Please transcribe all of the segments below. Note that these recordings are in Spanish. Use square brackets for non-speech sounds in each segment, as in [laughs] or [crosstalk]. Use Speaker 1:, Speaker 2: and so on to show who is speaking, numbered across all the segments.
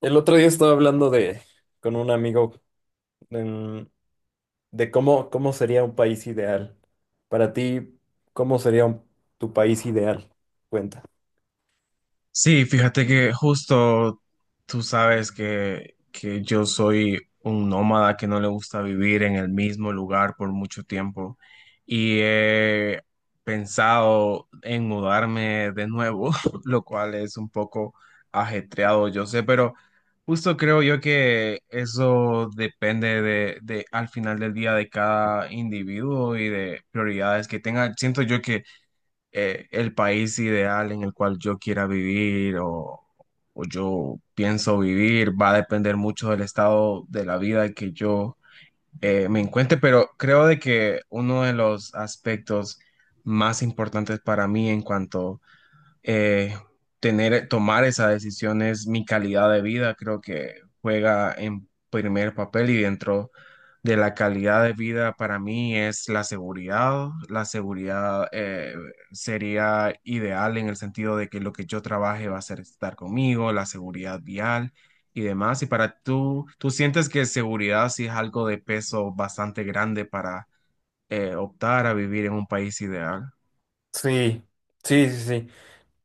Speaker 1: El otro día estaba hablando de con un amigo en- de cómo sería un país ideal. Para ti, ¿cómo sería un- tu país ideal? Cuenta.
Speaker 2: Sí, fíjate que justo tú sabes que yo soy un nómada que no le gusta vivir en el mismo lugar por mucho tiempo y he pensado en mudarme de nuevo, [laughs] lo cual es un poco ajetreado, yo sé, pero justo creo yo que eso depende de al final del día de cada individuo y de prioridades que tenga. Siento yo que el país ideal en el cual yo quiera vivir o yo pienso vivir va a depender mucho del estado de la vida que yo me encuentre, pero creo de que uno de los aspectos más importantes para mí en cuanto eh, tener, tomar esa decisión es mi calidad de vida, creo que juega en primer papel y dentro de la calidad de vida para mí es la seguridad. La seguridad sería ideal en el sentido de que lo que yo trabaje va a ser estar conmigo, la seguridad vial y demás. Y para tú, ¿tú sientes que seguridad sí es algo de peso bastante grande para optar a vivir en un país ideal?
Speaker 1: Sí, sí, sí, sí.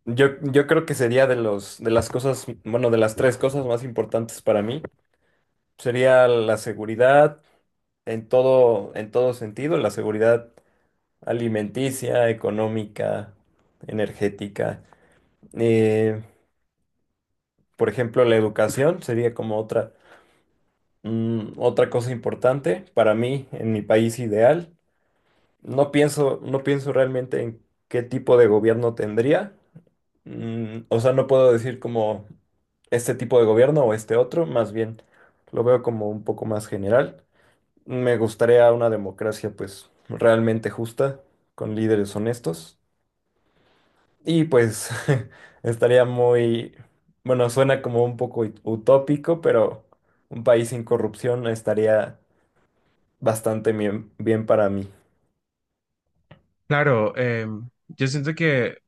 Speaker 1: Yo creo que sería de los, de las cosas, bueno, de las tres cosas más importantes para mí. Sería la seguridad en todo sentido, la seguridad alimenticia, económica, energética. Eh, por ejemplo, la educación sería como otra. Otra cosa importante para mí, en mi país ideal, no pienso realmente en qué tipo de gobierno tendría. O sea, no puedo decir como este tipo de gobierno o este otro, más bien lo veo como un poco más general. Me gustaría una democracia pues realmente justa, con líderes honestos. Y pues [laughs] estaría muy, bueno, suena como un poco ut- utópico, pero un país sin corrupción estaría bastante bien, bien para mí.
Speaker 2: Claro, yo siento que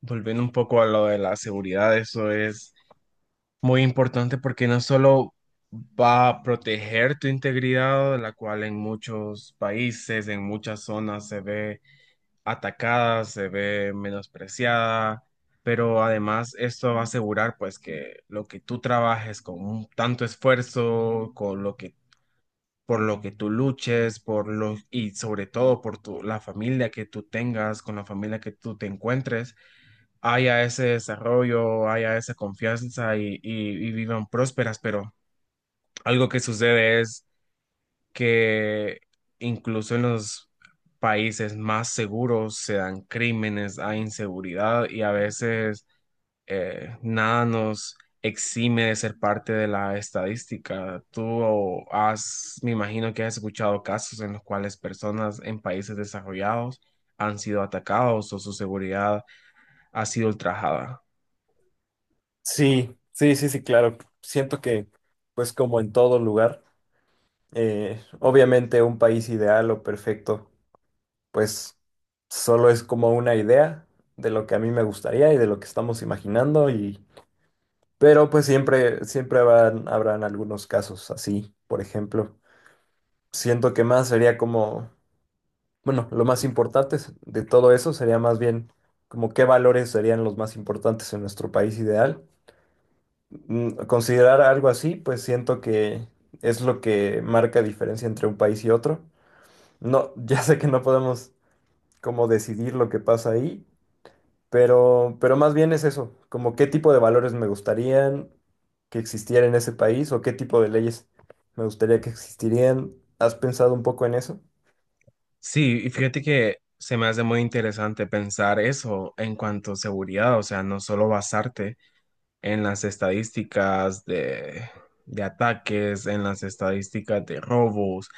Speaker 2: volviendo un poco a lo de la seguridad, eso es muy importante porque no solo va a proteger tu integridad, la cual en muchos países, en muchas zonas se ve atacada, se ve menospreciada, pero además esto va a asegurar pues que lo que tú trabajes tanto esfuerzo, con lo que por lo que tú luches, por lo y sobre todo por tu la familia que tú tengas, con la familia que tú te encuentres haya ese desarrollo, haya esa confianza y vivan prósperas, pero algo que sucede es que incluso en los países más seguros se dan crímenes, hay inseguridad y a veces nada nos exime de ser parte de la estadística. Tú has, me imagino que has escuchado casos en los cuales personas en países desarrollados han sido atacados o su seguridad ha sido ultrajada.
Speaker 1: Sí, sí, sí, sí, claro. Siento que, pues como en todo lugar, obviamente un país ideal o perfecto, pues solo es como una idea de lo que a mí me gustaría y de lo que estamos imaginando y, pero pues siempre, siempre habrán, habrán algunos casos así, por ejemplo. Siento que más sería como, bueno, lo más importante es- de todo eso sería más bien como qué valores serían los más importantes en nuestro país ideal considerar algo así, pues siento que es lo que marca diferencia entre un país y otro. No, [laughs] ya sé que no podemos como decidir lo que pasa ahí, pero más bien es eso, como qué tipo de valores me gustarían que existiera en ese país o qué tipo de leyes me gustaría que existirían. ¿Has pensado un poco en eso?
Speaker 2: Sí, y fíjate que se me hace muy interesante pensar eso en cuanto a seguridad, o sea, no solo basarte en las estadísticas de ataques, en las estadísticas de robos,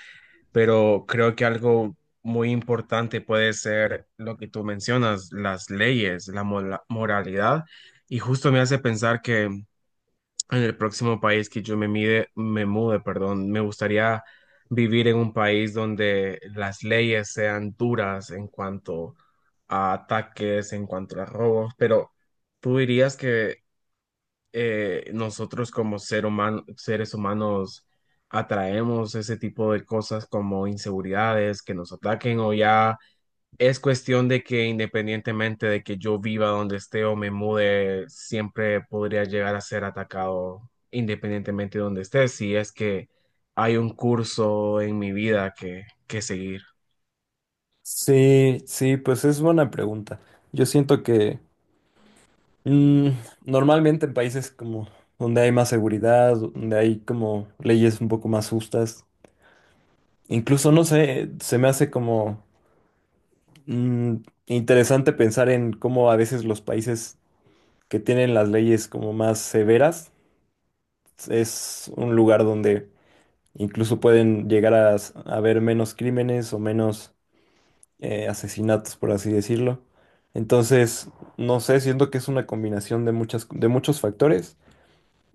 Speaker 2: pero creo que algo muy importante puede ser lo que tú mencionas, las leyes, moralidad, y justo me hace pensar que en el próximo país que me mude, perdón, me gustaría vivir en un país donde las leyes sean duras en cuanto a ataques, en cuanto a robos, pero tú dirías que nosotros como seres humanos atraemos ese tipo de cosas como inseguridades, que nos ataquen o ya es cuestión de que independientemente de que yo viva donde esté o me mude, siempre podría llegar a ser atacado independientemente de donde esté, si es que hay un curso en mi vida que seguir.
Speaker 1: Sí, sí, pues es buena pregunta. Yo siento que Mm, normalmente en países como donde hay más seguridad, donde hay como leyes un poco más justas, incluso no sé, se me hace como mm, interesante pensar en cómo a veces los países que tienen las leyes como más severas es un lugar donde incluso pueden llegar a, s- a haber menos crímenes o menos asesinatos, por así decirlo. Entonces, no sé, siento que es una combinación de muchas, de muchos factores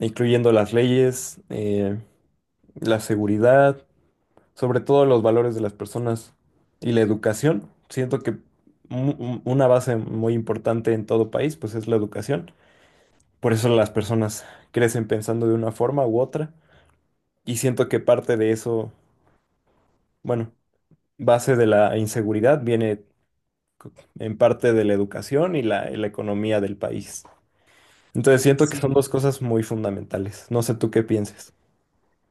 Speaker 1: incluyendo las leyes, la seguridad, sobre todo los valores de las personas y la educación. Siento que mu- un- una base muy importante en todo país, pues es la educación. Por eso las personas crecen pensando de una forma u otra. Y siento que parte de eso, bueno, base de la inseguridad viene en parte de la educación y la economía del país. Entonces siento que
Speaker 2: Sí.
Speaker 1: son dos cosas muy fundamentales. No sé tú qué pienses.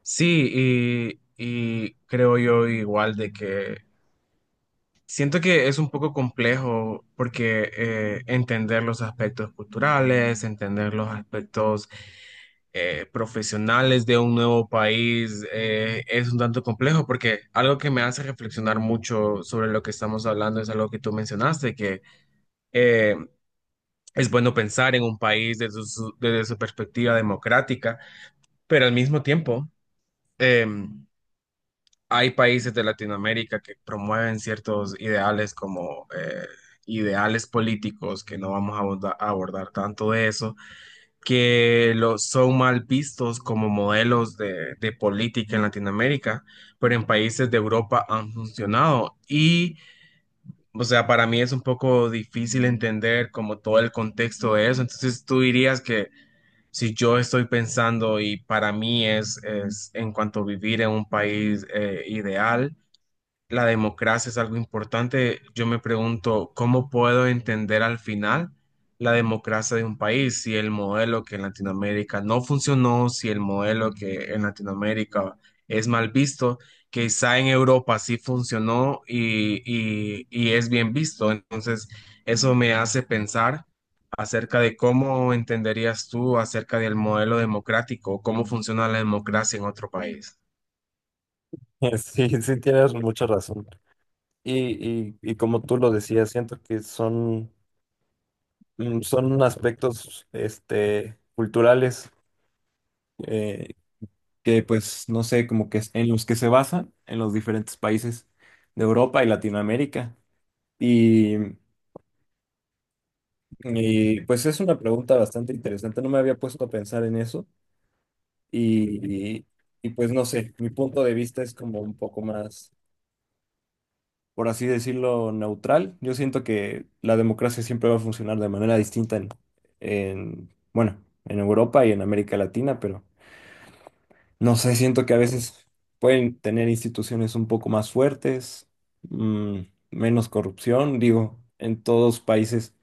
Speaker 2: Sí, y creo yo igual de que siento que es un poco complejo porque entender los aspectos culturales, entender los aspectos profesionales de un nuevo país es un tanto complejo porque algo que me hace reflexionar mucho sobre lo que estamos hablando es algo que tú mencionaste, que eh, es bueno pensar en un país desde desde su perspectiva democrática, pero al mismo tiempo em, hay países de Latinoamérica que promueven ciertos ideales como ideales políticos, que no vamos a a abordar, tanto de eso, que lo, son mal vistos como modelos de política en Latinoamérica, pero en países de Europa han funcionado. Y, o sea, para mí es un poco difícil entender como todo el contexto de eso. Entonces, tú dirías que... Si yo estoy pensando y para mí es en cuanto a vivir en un país ideal, la democracia es algo importante, yo me pregunto, ¿cómo puedo entender al final la democracia de un país? Si el modelo que en Latinoamérica no funcionó, si el modelo que en Latinoamérica es mal visto, quizá en Europa sí funcionó y es bien visto. Entonces, eso me hace pensar acerca de cómo entenderías tú acerca del modelo democrático, cómo funciona la democracia en otro país.
Speaker 1: [laughs] Sí, sí, tienes mucha razón. Y como tú lo decías, siento que son, son aspectos este, culturales eh, que pues no sé, como que es- en los que se basan en los diferentes países de Europa y Latinoamérica. Y, pues es una pregunta bastante interesante, no me había puesto a pensar en eso y, y, pues no sé, mi punto de vista es como un poco más por así decirlo, neutral. Yo siento que la democracia siempre va a funcionar de manera distinta en, bueno, en Europa y en América Latina, pero no sé, siento que a veces pueden tener instituciones un poco más fuertes, mm, menos corrupción, digo, en todos países.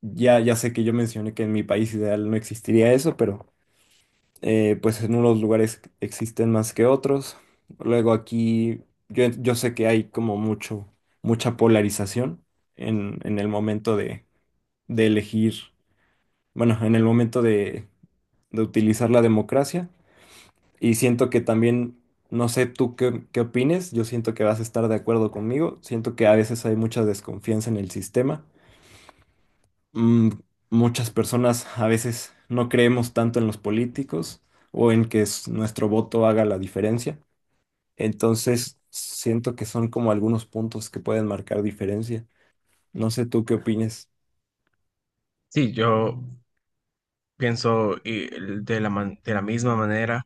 Speaker 1: Ya sé que yo mencioné que en mi país ideal no existiría eso, pero pues en unos lugares existen más que otros. Luego aquí yo sé que hay como mucho, mucha polarización en el momento de elegir, bueno, en el momento de utilizar la democracia. Y siento que también, no sé tú qué, qué opines, yo siento que vas a estar de acuerdo conmigo. Siento que a veces hay mucha desconfianza en el sistema. Mm, muchas personas a veces no creemos tanto en los políticos o en que s- nuestro voto haga la diferencia. Entonces, siento que son como algunos puntos que pueden marcar diferencia. No sé tú qué opines.
Speaker 2: Sí, yo pienso y de la, de la misma manera.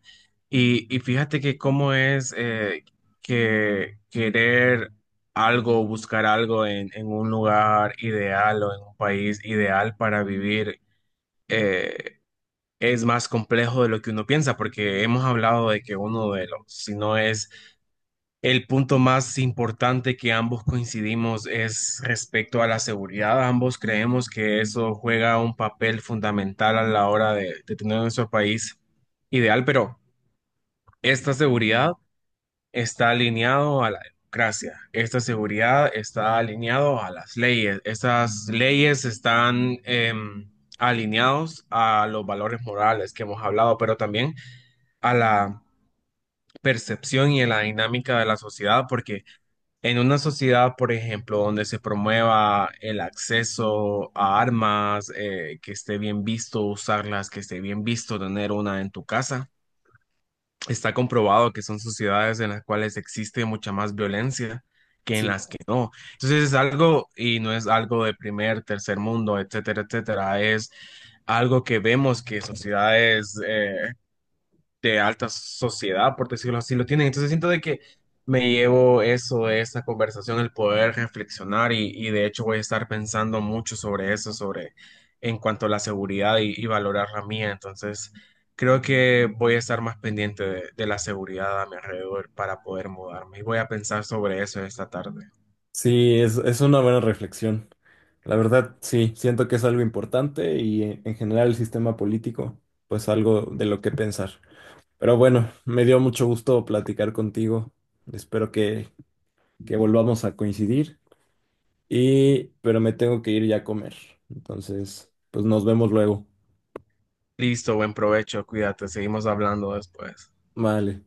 Speaker 2: Y fíjate que cómo es que querer algo, buscar algo en un lugar ideal o en un país ideal para vivir eh, es más complejo de lo que uno piensa, porque hemos hablado de que uno de los, si no es el punto más importante que ambos coincidimos es respecto a la seguridad. Ambos creemos que eso juega un papel fundamental a la hora de tener nuestro país ideal, pero esta seguridad está alineado a la democracia. Esta seguridad está alineado a las leyes. Estas leyes están alineados a los valores morales que hemos hablado, pero también a la percepción y a la dinámica de la sociedad, porque en una sociedad, por ejemplo, donde se promueva el acceso a armas, que esté bien visto usarlas, que esté bien visto tener una en tu casa, está comprobado que son sociedades en las cuales existe mucha más violencia que en
Speaker 1: Sí,
Speaker 2: las que no. Entonces es algo, y no es algo de primer, tercer mundo, etcétera, etcétera, es algo que vemos que sociedades de alta sociedad, por decirlo así, lo tienen. Entonces siento de que me llevo eso de esta conversación, el poder reflexionar y de hecho voy a estar pensando mucho sobre eso, sobre en cuanto a la seguridad y valorar la mía. Entonces creo que voy a estar más pendiente de la seguridad a mi alrededor para poder mudarme y voy a pensar sobre eso esta tarde.
Speaker 1: sí, es una buena reflexión. La verdad, sí, siento que es algo importante y en general el sistema político, pues algo de lo que pensar. Pero bueno, me dio mucho gusto platicar contigo. Espero que volvamos a coincidir. Y, pero me tengo que ir ya a comer. Entonces, pues nos vemos luego.
Speaker 2: Listo, buen provecho, cuídate, seguimos hablando después.
Speaker 1: Vale.